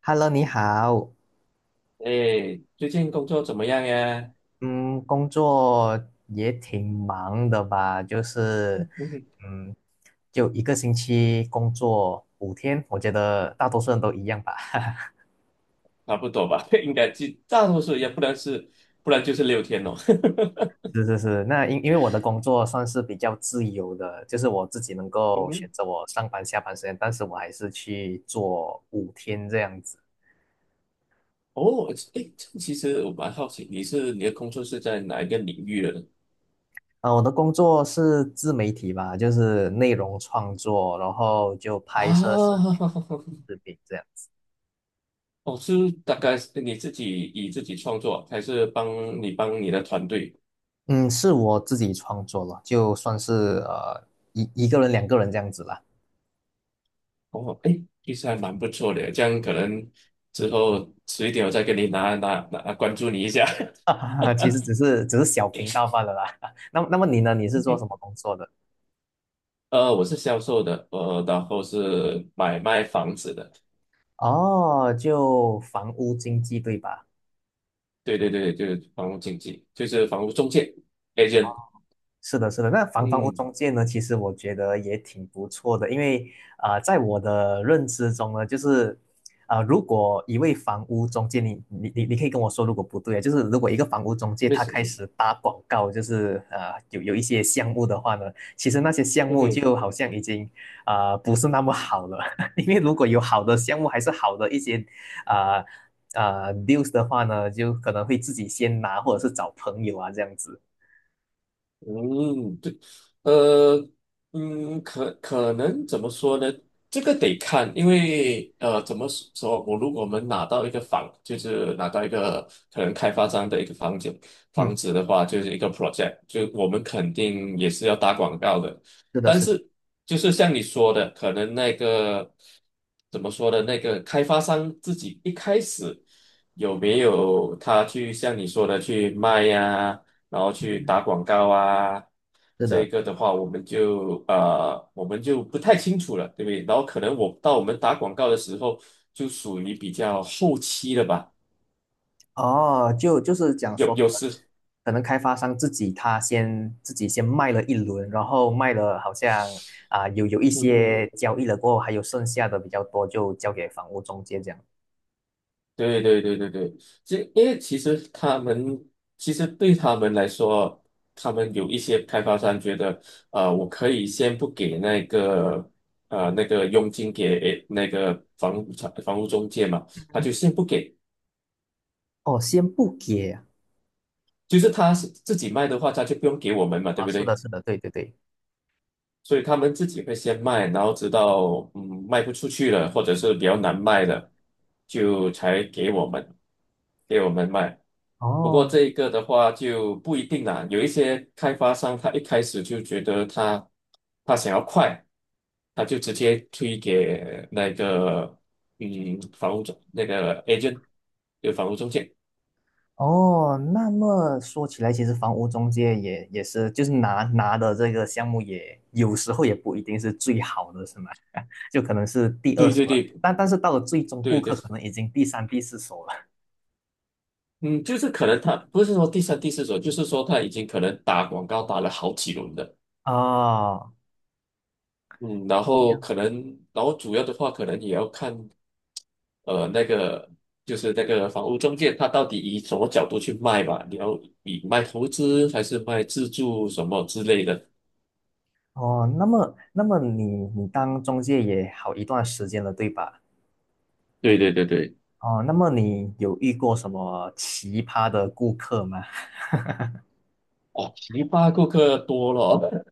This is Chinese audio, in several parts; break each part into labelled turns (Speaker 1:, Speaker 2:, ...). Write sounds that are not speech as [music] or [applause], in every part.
Speaker 1: Hello，你好。
Speaker 2: 哎，最近工作怎么样呀？
Speaker 1: 嗯，工作也挺忙的吧？就是，
Speaker 2: 嗯。
Speaker 1: 嗯，就一个星期工作五天，我觉得大多数人都一样吧。[laughs]
Speaker 2: [laughs] 差不多吧，[laughs] 应该就大多数也不然是，不然就是6天哦。
Speaker 1: 是是是，那因为我的工作算是比较自由的，就是我自己能
Speaker 2: [laughs] 嗯
Speaker 1: 够选
Speaker 2: 哼。
Speaker 1: 择我上班下班时间，但是我还是去做五天这样子。
Speaker 2: 哦，哎，这其实我蛮好奇，你的工作是在哪一个领域的呢？
Speaker 1: 啊，我的工作是自媒体吧，就是内容创作，然后就拍摄视
Speaker 2: 啊。
Speaker 1: 频、视频这样。
Speaker 2: [laughs] 哦，是大概是你自己以自己创作，还是帮你的团队？
Speaker 1: 嗯，是我自己创作了，就算是呃一个人、2个人这样子啦。
Speaker 2: 哦，哎，其实还蛮不错的，这样可能之后迟一点我再给你拿关注你一下。
Speaker 1: [laughs] 其实只是小频道罢了啦。[laughs] 那么你呢？你是做什
Speaker 2: [laughs]
Speaker 1: 么工作的？
Speaker 2: 我是销售的，然后是买卖房子的，
Speaker 1: 哦，就房屋经纪对吧？
Speaker 2: 对对对，就是房屋经济，就是房屋中介 agent。
Speaker 1: 是的，是的。那房房屋
Speaker 2: 嗯，
Speaker 1: 中介呢，其实我觉得也挺不错的，因为在我的认知中呢，就是如果一位房屋中介，你可以跟我说，如果不对啊，就是如果一个房屋中介
Speaker 2: 为
Speaker 1: 他
Speaker 2: 什么？
Speaker 1: 开始打广告，就是有一些项目的话呢，其实那些项目
Speaker 2: 嗯
Speaker 1: 就好像已经不是那么好了。[laughs] 因为如果有好的项目，还是好的一些啊news 的话呢，就可能会自己先拿，或者是找朋友啊这样子。
Speaker 2: 嗯。呃，嗯，可能怎么说呢？这个得看，因为怎么说？我如果我们拿到一个房，就是拿到一个可能开发商的一个房子，房
Speaker 1: 嗯，
Speaker 2: 子的话，就是一个 project，就我们肯定也是要打广告的。
Speaker 1: 是的，
Speaker 2: 但
Speaker 1: 是的。
Speaker 2: 是就是像你说的，可能那个怎么说的，那个开发商自己一开始有没有他去像你说的去卖呀、然后去打广告啊？
Speaker 1: 是
Speaker 2: 这
Speaker 1: 的。
Speaker 2: 个的话，我们就不太清楚了，对不对？然后可能我到我们打广告的时候，就属于比较后期了吧，
Speaker 1: 哦，就就是讲
Speaker 2: 有
Speaker 1: 说，可
Speaker 2: 有
Speaker 1: 能
Speaker 2: 时，
Speaker 1: 可能开发商自己他先自己先卖了一轮，然后卖了好像有有一
Speaker 2: 嗯哼，
Speaker 1: 些交易了过后，还有剩下的比较多就交给房屋中介这样。
Speaker 2: 对对对对对，这因为其实他们其实对他们来说，他们有一些开发商觉得，我可以先不给那个那个佣金给那个房屋中介嘛，他就先不给，
Speaker 1: 哦，先不给啊。
Speaker 2: 就是他是自己卖的话，他就不用给我们嘛，对
Speaker 1: 啊，
Speaker 2: 不
Speaker 1: 是的，
Speaker 2: 对？
Speaker 1: 是的，对对对。
Speaker 2: 所以他们自己会先卖，然后直到卖不出去了，或者是比较难卖了，就才给我们卖。不过
Speaker 1: 哦。
Speaker 2: 这一个的话就不一定啦，有一些开发商他一开始就觉得他想要快，他就直接推给那个房屋中那个 agent 就房屋中介，
Speaker 1: 哦，那么说起来，其实房屋中介也是，就是拿的这个项目也有时候也不一定是最好的，是吗？[laughs] 就可能是第二
Speaker 2: 对
Speaker 1: 手
Speaker 2: 对
Speaker 1: 了，
Speaker 2: 对
Speaker 1: 但是到了最终顾
Speaker 2: 对对，
Speaker 1: 客可能已经第3、第4手了。
Speaker 2: 嗯，就是可能他不是说第三、第四手，就是说他已经可能打广告打了好几轮的。
Speaker 1: 哦，
Speaker 2: 嗯，然
Speaker 1: 这
Speaker 2: 后
Speaker 1: 样。
Speaker 2: 可能，然后主要的话，可能也要看，那个就是那个房屋中介，他到底以什么角度去卖吧？你要以卖投资还是卖自住什么之类的？
Speaker 1: 哦，那么你你当中介也好一段时间了，对吧？
Speaker 2: 对对对对。
Speaker 1: 哦，那么你有遇过什么奇葩的顾客吗？[laughs]
Speaker 2: 哦，奇葩顾客多了。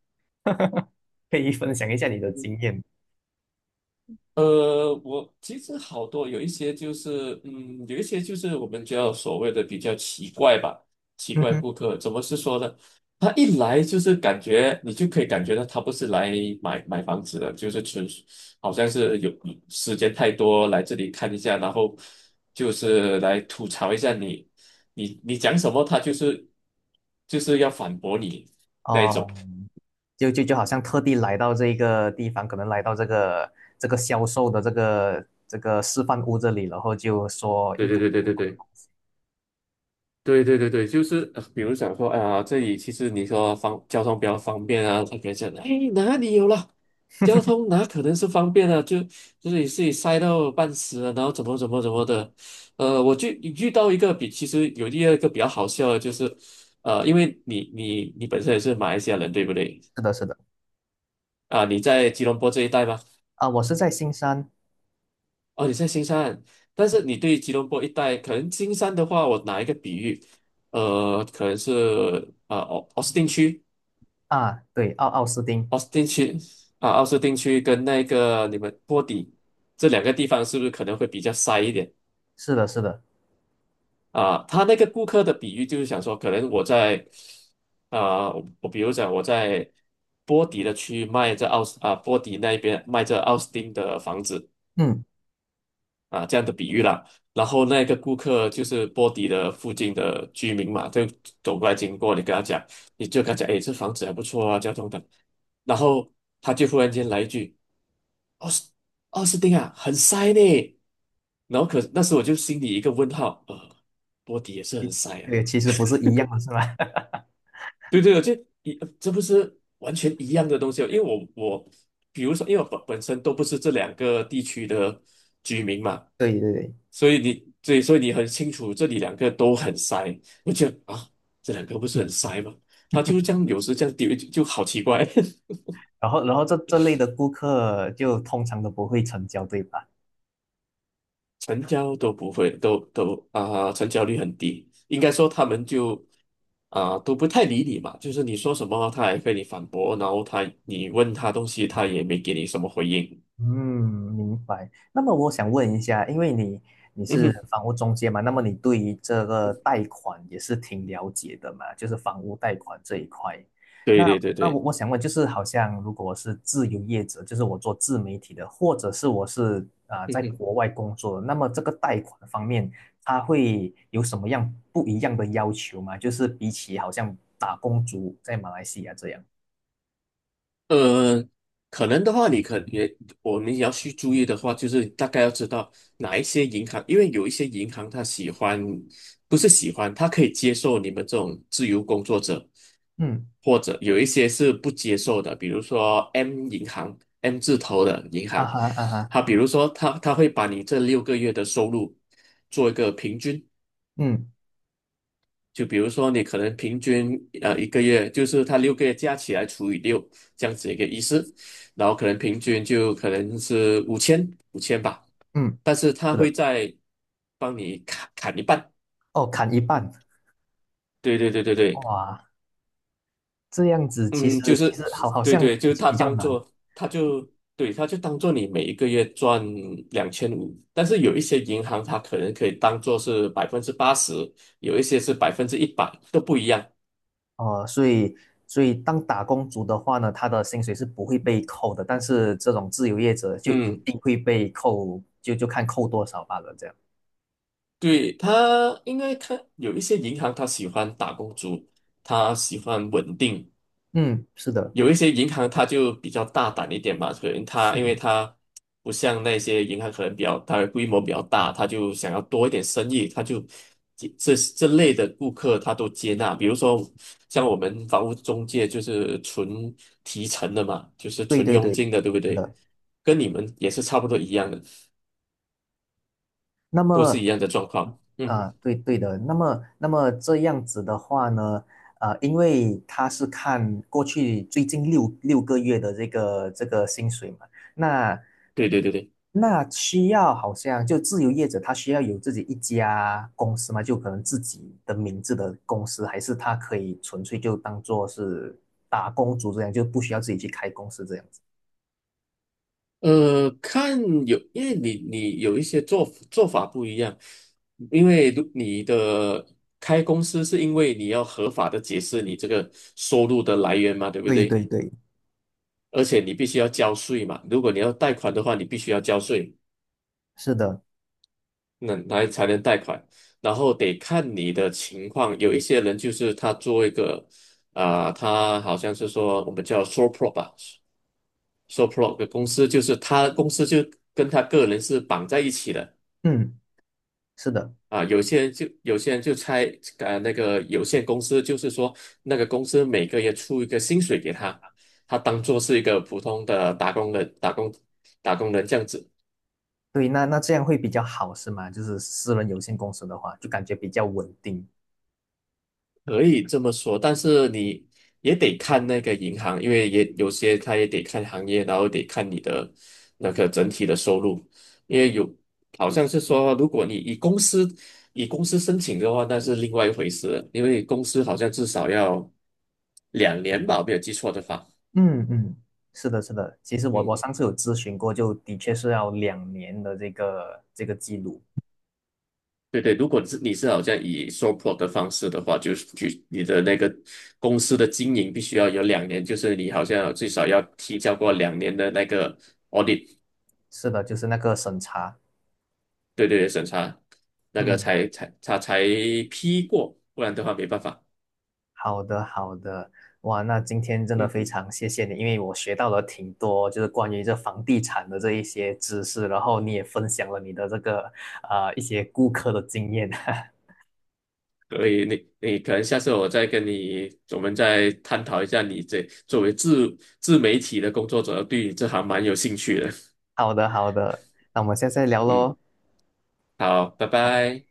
Speaker 1: 可以分享一下你的
Speaker 2: [laughs]
Speaker 1: 经验。
Speaker 2: 我其实好多有一些就是，嗯，有一些就是我们叫所谓的比较奇怪吧，奇
Speaker 1: 嗯
Speaker 2: 怪
Speaker 1: 哼。
Speaker 2: 顾客怎么是说呢？他一来就是感觉你就可以感觉到他不是来买房子的，就是纯属好像是有时间太多来这里看一下，然后就是来吐槽一下你，你讲什么他就是要反驳你那一种。
Speaker 1: 哦，就好像特地来到这个地方，可能来到这个这个销售的这个示范屋这里，然后就说
Speaker 2: 对
Speaker 1: 一
Speaker 2: 对
Speaker 1: 堆。
Speaker 2: 对对对对。对对对对，就是比如想说，哎呀，这里其实你说方交通比较方便啊，他可以讲，哎，哪里有了？交通哪可能是方便啊？就是你自己塞到半死了，然后怎么怎么怎么的，我就遇到一个比其实有第二个比较好笑的，就是，因为你本身也是马来西亚人，对不对？
Speaker 1: 是的，是的。
Speaker 2: 啊，你在吉隆坡这一带吗？
Speaker 1: 啊，我是在新山。
Speaker 2: 哦，你在新山，但是你对吉隆坡一带，可能新山的话，我拿一个比喻，可能是奥斯汀区。
Speaker 1: 啊，对，奥奥斯汀。
Speaker 2: 奥斯汀区啊，奥斯汀区跟那个你们波底这两个地方是不是可能会比较塞一点
Speaker 1: 是的，是的。
Speaker 2: 啊？他那个顾客的比喻就是想说，可能我在啊，我比如讲我在波底的区域卖这奥斯啊波底那边卖这奥斯汀的房子
Speaker 1: 嗯。
Speaker 2: 啊，这样的比喻啦。然后那个顾客就是波底的附近的居民嘛，就走过来经过，你就跟他讲，哎，这房子还不错啊，交通等，然后他就忽然间来一句。奥斯奥斯汀啊，很塞呢。然后可那时我就心里一个问号，波迪也是很塞啊。
Speaker 1: 对，其实不是一样的是吧？[laughs]
Speaker 2: 对对，我就这不是完全一样的东西哦，因为我比如说，因为我本身都不是这两个地区的居民嘛，
Speaker 1: 对对对。
Speaker 2: 所以你对，所以你很清楚这里两个都很塞。我觉得啊，这两个不是很塞吗？他就是这样，有时这样丢就好奇怪，
Speaker 1: 然后这类的顾客就通常都不会成交，对吧？
Speaker 2: [laughs] 成交都不会，都啊、成交率很低。应该说他们就。啊、都不太理你嘛，就是你说什么他还跟你反驳，然后他你问他东西他也没给你什么回应。
Speaker 1: 嗯，明白。那么我想问一下，因为你你
Speaker 2: [laughs] 嗯哼，
Speaker 1: 是房屋中介嘛，那么你对于这个贷款也是挺了解的嘛，就是房屋贷款这一块。
Speaker 2: 对
Speaker 1: 那
Speaker 2: 对对
Speaker 1: 那我
Speaker 2: 对，
Speaker 1: 我想问，就是好像如果我是自由业者，就是我做自媒体的，或者是我是在国
Speaker 2: [laughs]
Speaker 1: 外工作的，那么这个贷款方面，他会有什么样不一样的要求吗？就是比起好像打工族在马来西亚这样。
Speaker 2: 呃，可能的话，你可也我们也要去注意的话，就是大概要知道哪一些银行，因为有一些银行它喜欢，不是喜欢，它可以接受你们这种自由工作者，
Speaker 1: 嗯。
Speaker 2: 或者有一些是不接受的，比如说 M 银行，M 字头的银
Speaker 1: 啊
Speaker 2: 行，
Speaker 1: 哈啊哈。
Speaker 2: 它比如说他会把你这六个月的收入做一个平均，
Speaker 1: 嗯
Speaker 2: 就比如说你可能平均一个月，就是它六个月加起来除以6这样子一个意思，然后可能平均就可能是五千吧，
Speaker 1: 嗯，
Speaker 2: 但是他
Speaker 1: 是
Speaker 2: 会
Speaker 1: 的。
Speaker 2: 在帮你砍一半。
Speaker 1: 哦，砍一半。
Speaker 2: 对对对对对，
Speaker 1: 哇，这样子其实
Speaker 2: 嗯，就
Speaker 1: 其
Speaker 2: 是
Speaker 1: 实好好
Speaker 2: 对
Speaker 1: 像
Speaker 2: 对，就是
Speaker 1: 比
Speaker 2: 他
Speaker 1: 比较
Speaker 2: 当
Speaker 1: 难
Speaker 2: 做他就对他就当做你每一个月赚2500，但是有一些银行它可能可以当做是80%，有一些是100%，都不一样。
Speaker 1: 哦，所以所以当打工族的话呢，他的薪水是不会被扣的，但是这种自由业者就一
Speaker 2: 嗯。
Speaker 1: 定会被扣，就就看扣多少罢了，这样。
Speaker 2: 对，他应该看有一些银行，他喜欢打工族，他喜欢稳定；
Speaker 1: 嗯，是的。
Speaker 2: 有一些银行，他就比较大胆一点嘛，可能他因为他不像那些银行，可能比较它的规模比较大，他就想要多一点生意，他就这类的顾客他都接纳。比如说像我们房屋中介就是纯提成的嘛，就是
Speaker 1: 对
Speaker 2: 纯
Speaker 1: 对
Speaker 2: 佣
Speaker 1: 对，
Speaker 2: 金的，对不
Speaker 1: 是
Speaker 2: 对？
Speaker 1: 的。
Speaker 2: 跟你们也是差不多一样的，
Speaker 1: 那
Speaker 2: 都是
Speaker 1: 么。
Speaker 2: 一样的状况。嗯，
Speaker 1: 啊，对对的。那么，那么这样子的话呢，呃，因为他是看过去最近六个月的这个这个薪水嘛。那
Speaker 2: 对对对对。
Speaker 1: 那需要好像就自由业者，他需要有自己一家公司嘛，就可能自己的名字的公司，还是他可以纯粹就当做是打工族这样，就不需要自己去开公司这样子。
Speaker 2: 看有，因为你有一些做法不一样，因为如你的开公司是因为你要合法的解释你这个收入的来源嘛，对不
Speaker 1: 对
Speaker 2: 对？
Speaker 1: 对对，
Speaker 2: 而且你必须要交税嘛，如果你要贷款的话，你必须要交税，
Speaker 1: 是的。
Speaker 2: 那来才能贷款。然后得看你的情况，有一些人就是他做一个他好像是说我们叫 sole prop 吧，sole prop 的公司，就是他公司就跟他个人是绑在一起的。
Speaker 1: 嗯，是的。
Speaker 2: 啊，有些人就猜，那个有限公司，就是说那个公司每个月出一个薪水给他，他当做是一个普通的打工人，打工人这样子。
Speaker 1: 对，那那这样会比较好，是吗？就是私人有限公司的话，就感觉比较稳定。
Speaker 2: 可以这么说，但是你也得看那个银行，因为也有些他也得看行业，然后得看你的那个整体的收入，因为有好像是说，如果你以公司申请的话，那是另外一回事了因为公司好像至少要两年吧，我没有记错的话，
Speaker 1: 嗯嗯，是的，是的。其实我我
Speaker 2: 嗯，
Speaker 1: 上次有咨询过，就的确是要2年的这个这个记录。
Speaker 2: 对对，如果是你是好像以 SOPR 的方式的话，就是举你的那个公司的经营必须要有两年，就是你好像最少要提交过两年的那个 audit。
Speaker 1: 是的，就是那个审查。
Speaker 2: 对对对，审查那个
Speaker 1: 嗯，
Speaker 2: 才批过，不然的话没办法。
Speaker 1: 好的，好的。哇，那今天真的
Speaker 2: 嗯，
Speaker 1: 非常谢谢你，因为我学到了挺多，就是关于这房地产的这一些知识，然后你也分享了你的这个啊一些顾客的经验。[laughs]
Speaker 2: 所以你可能下次我再跟你，我们再探讨一下你这作为自媒体的工作者，对你这行蛮有兴趣的。
Speaker 1: 好的，好的。那我们下次再聊
Speaker 2: 嗯，
Speaker 1: 喽。
Speaker 2: 好，拜
Speaker 1: 拜拜。
Speaker 2: 拜。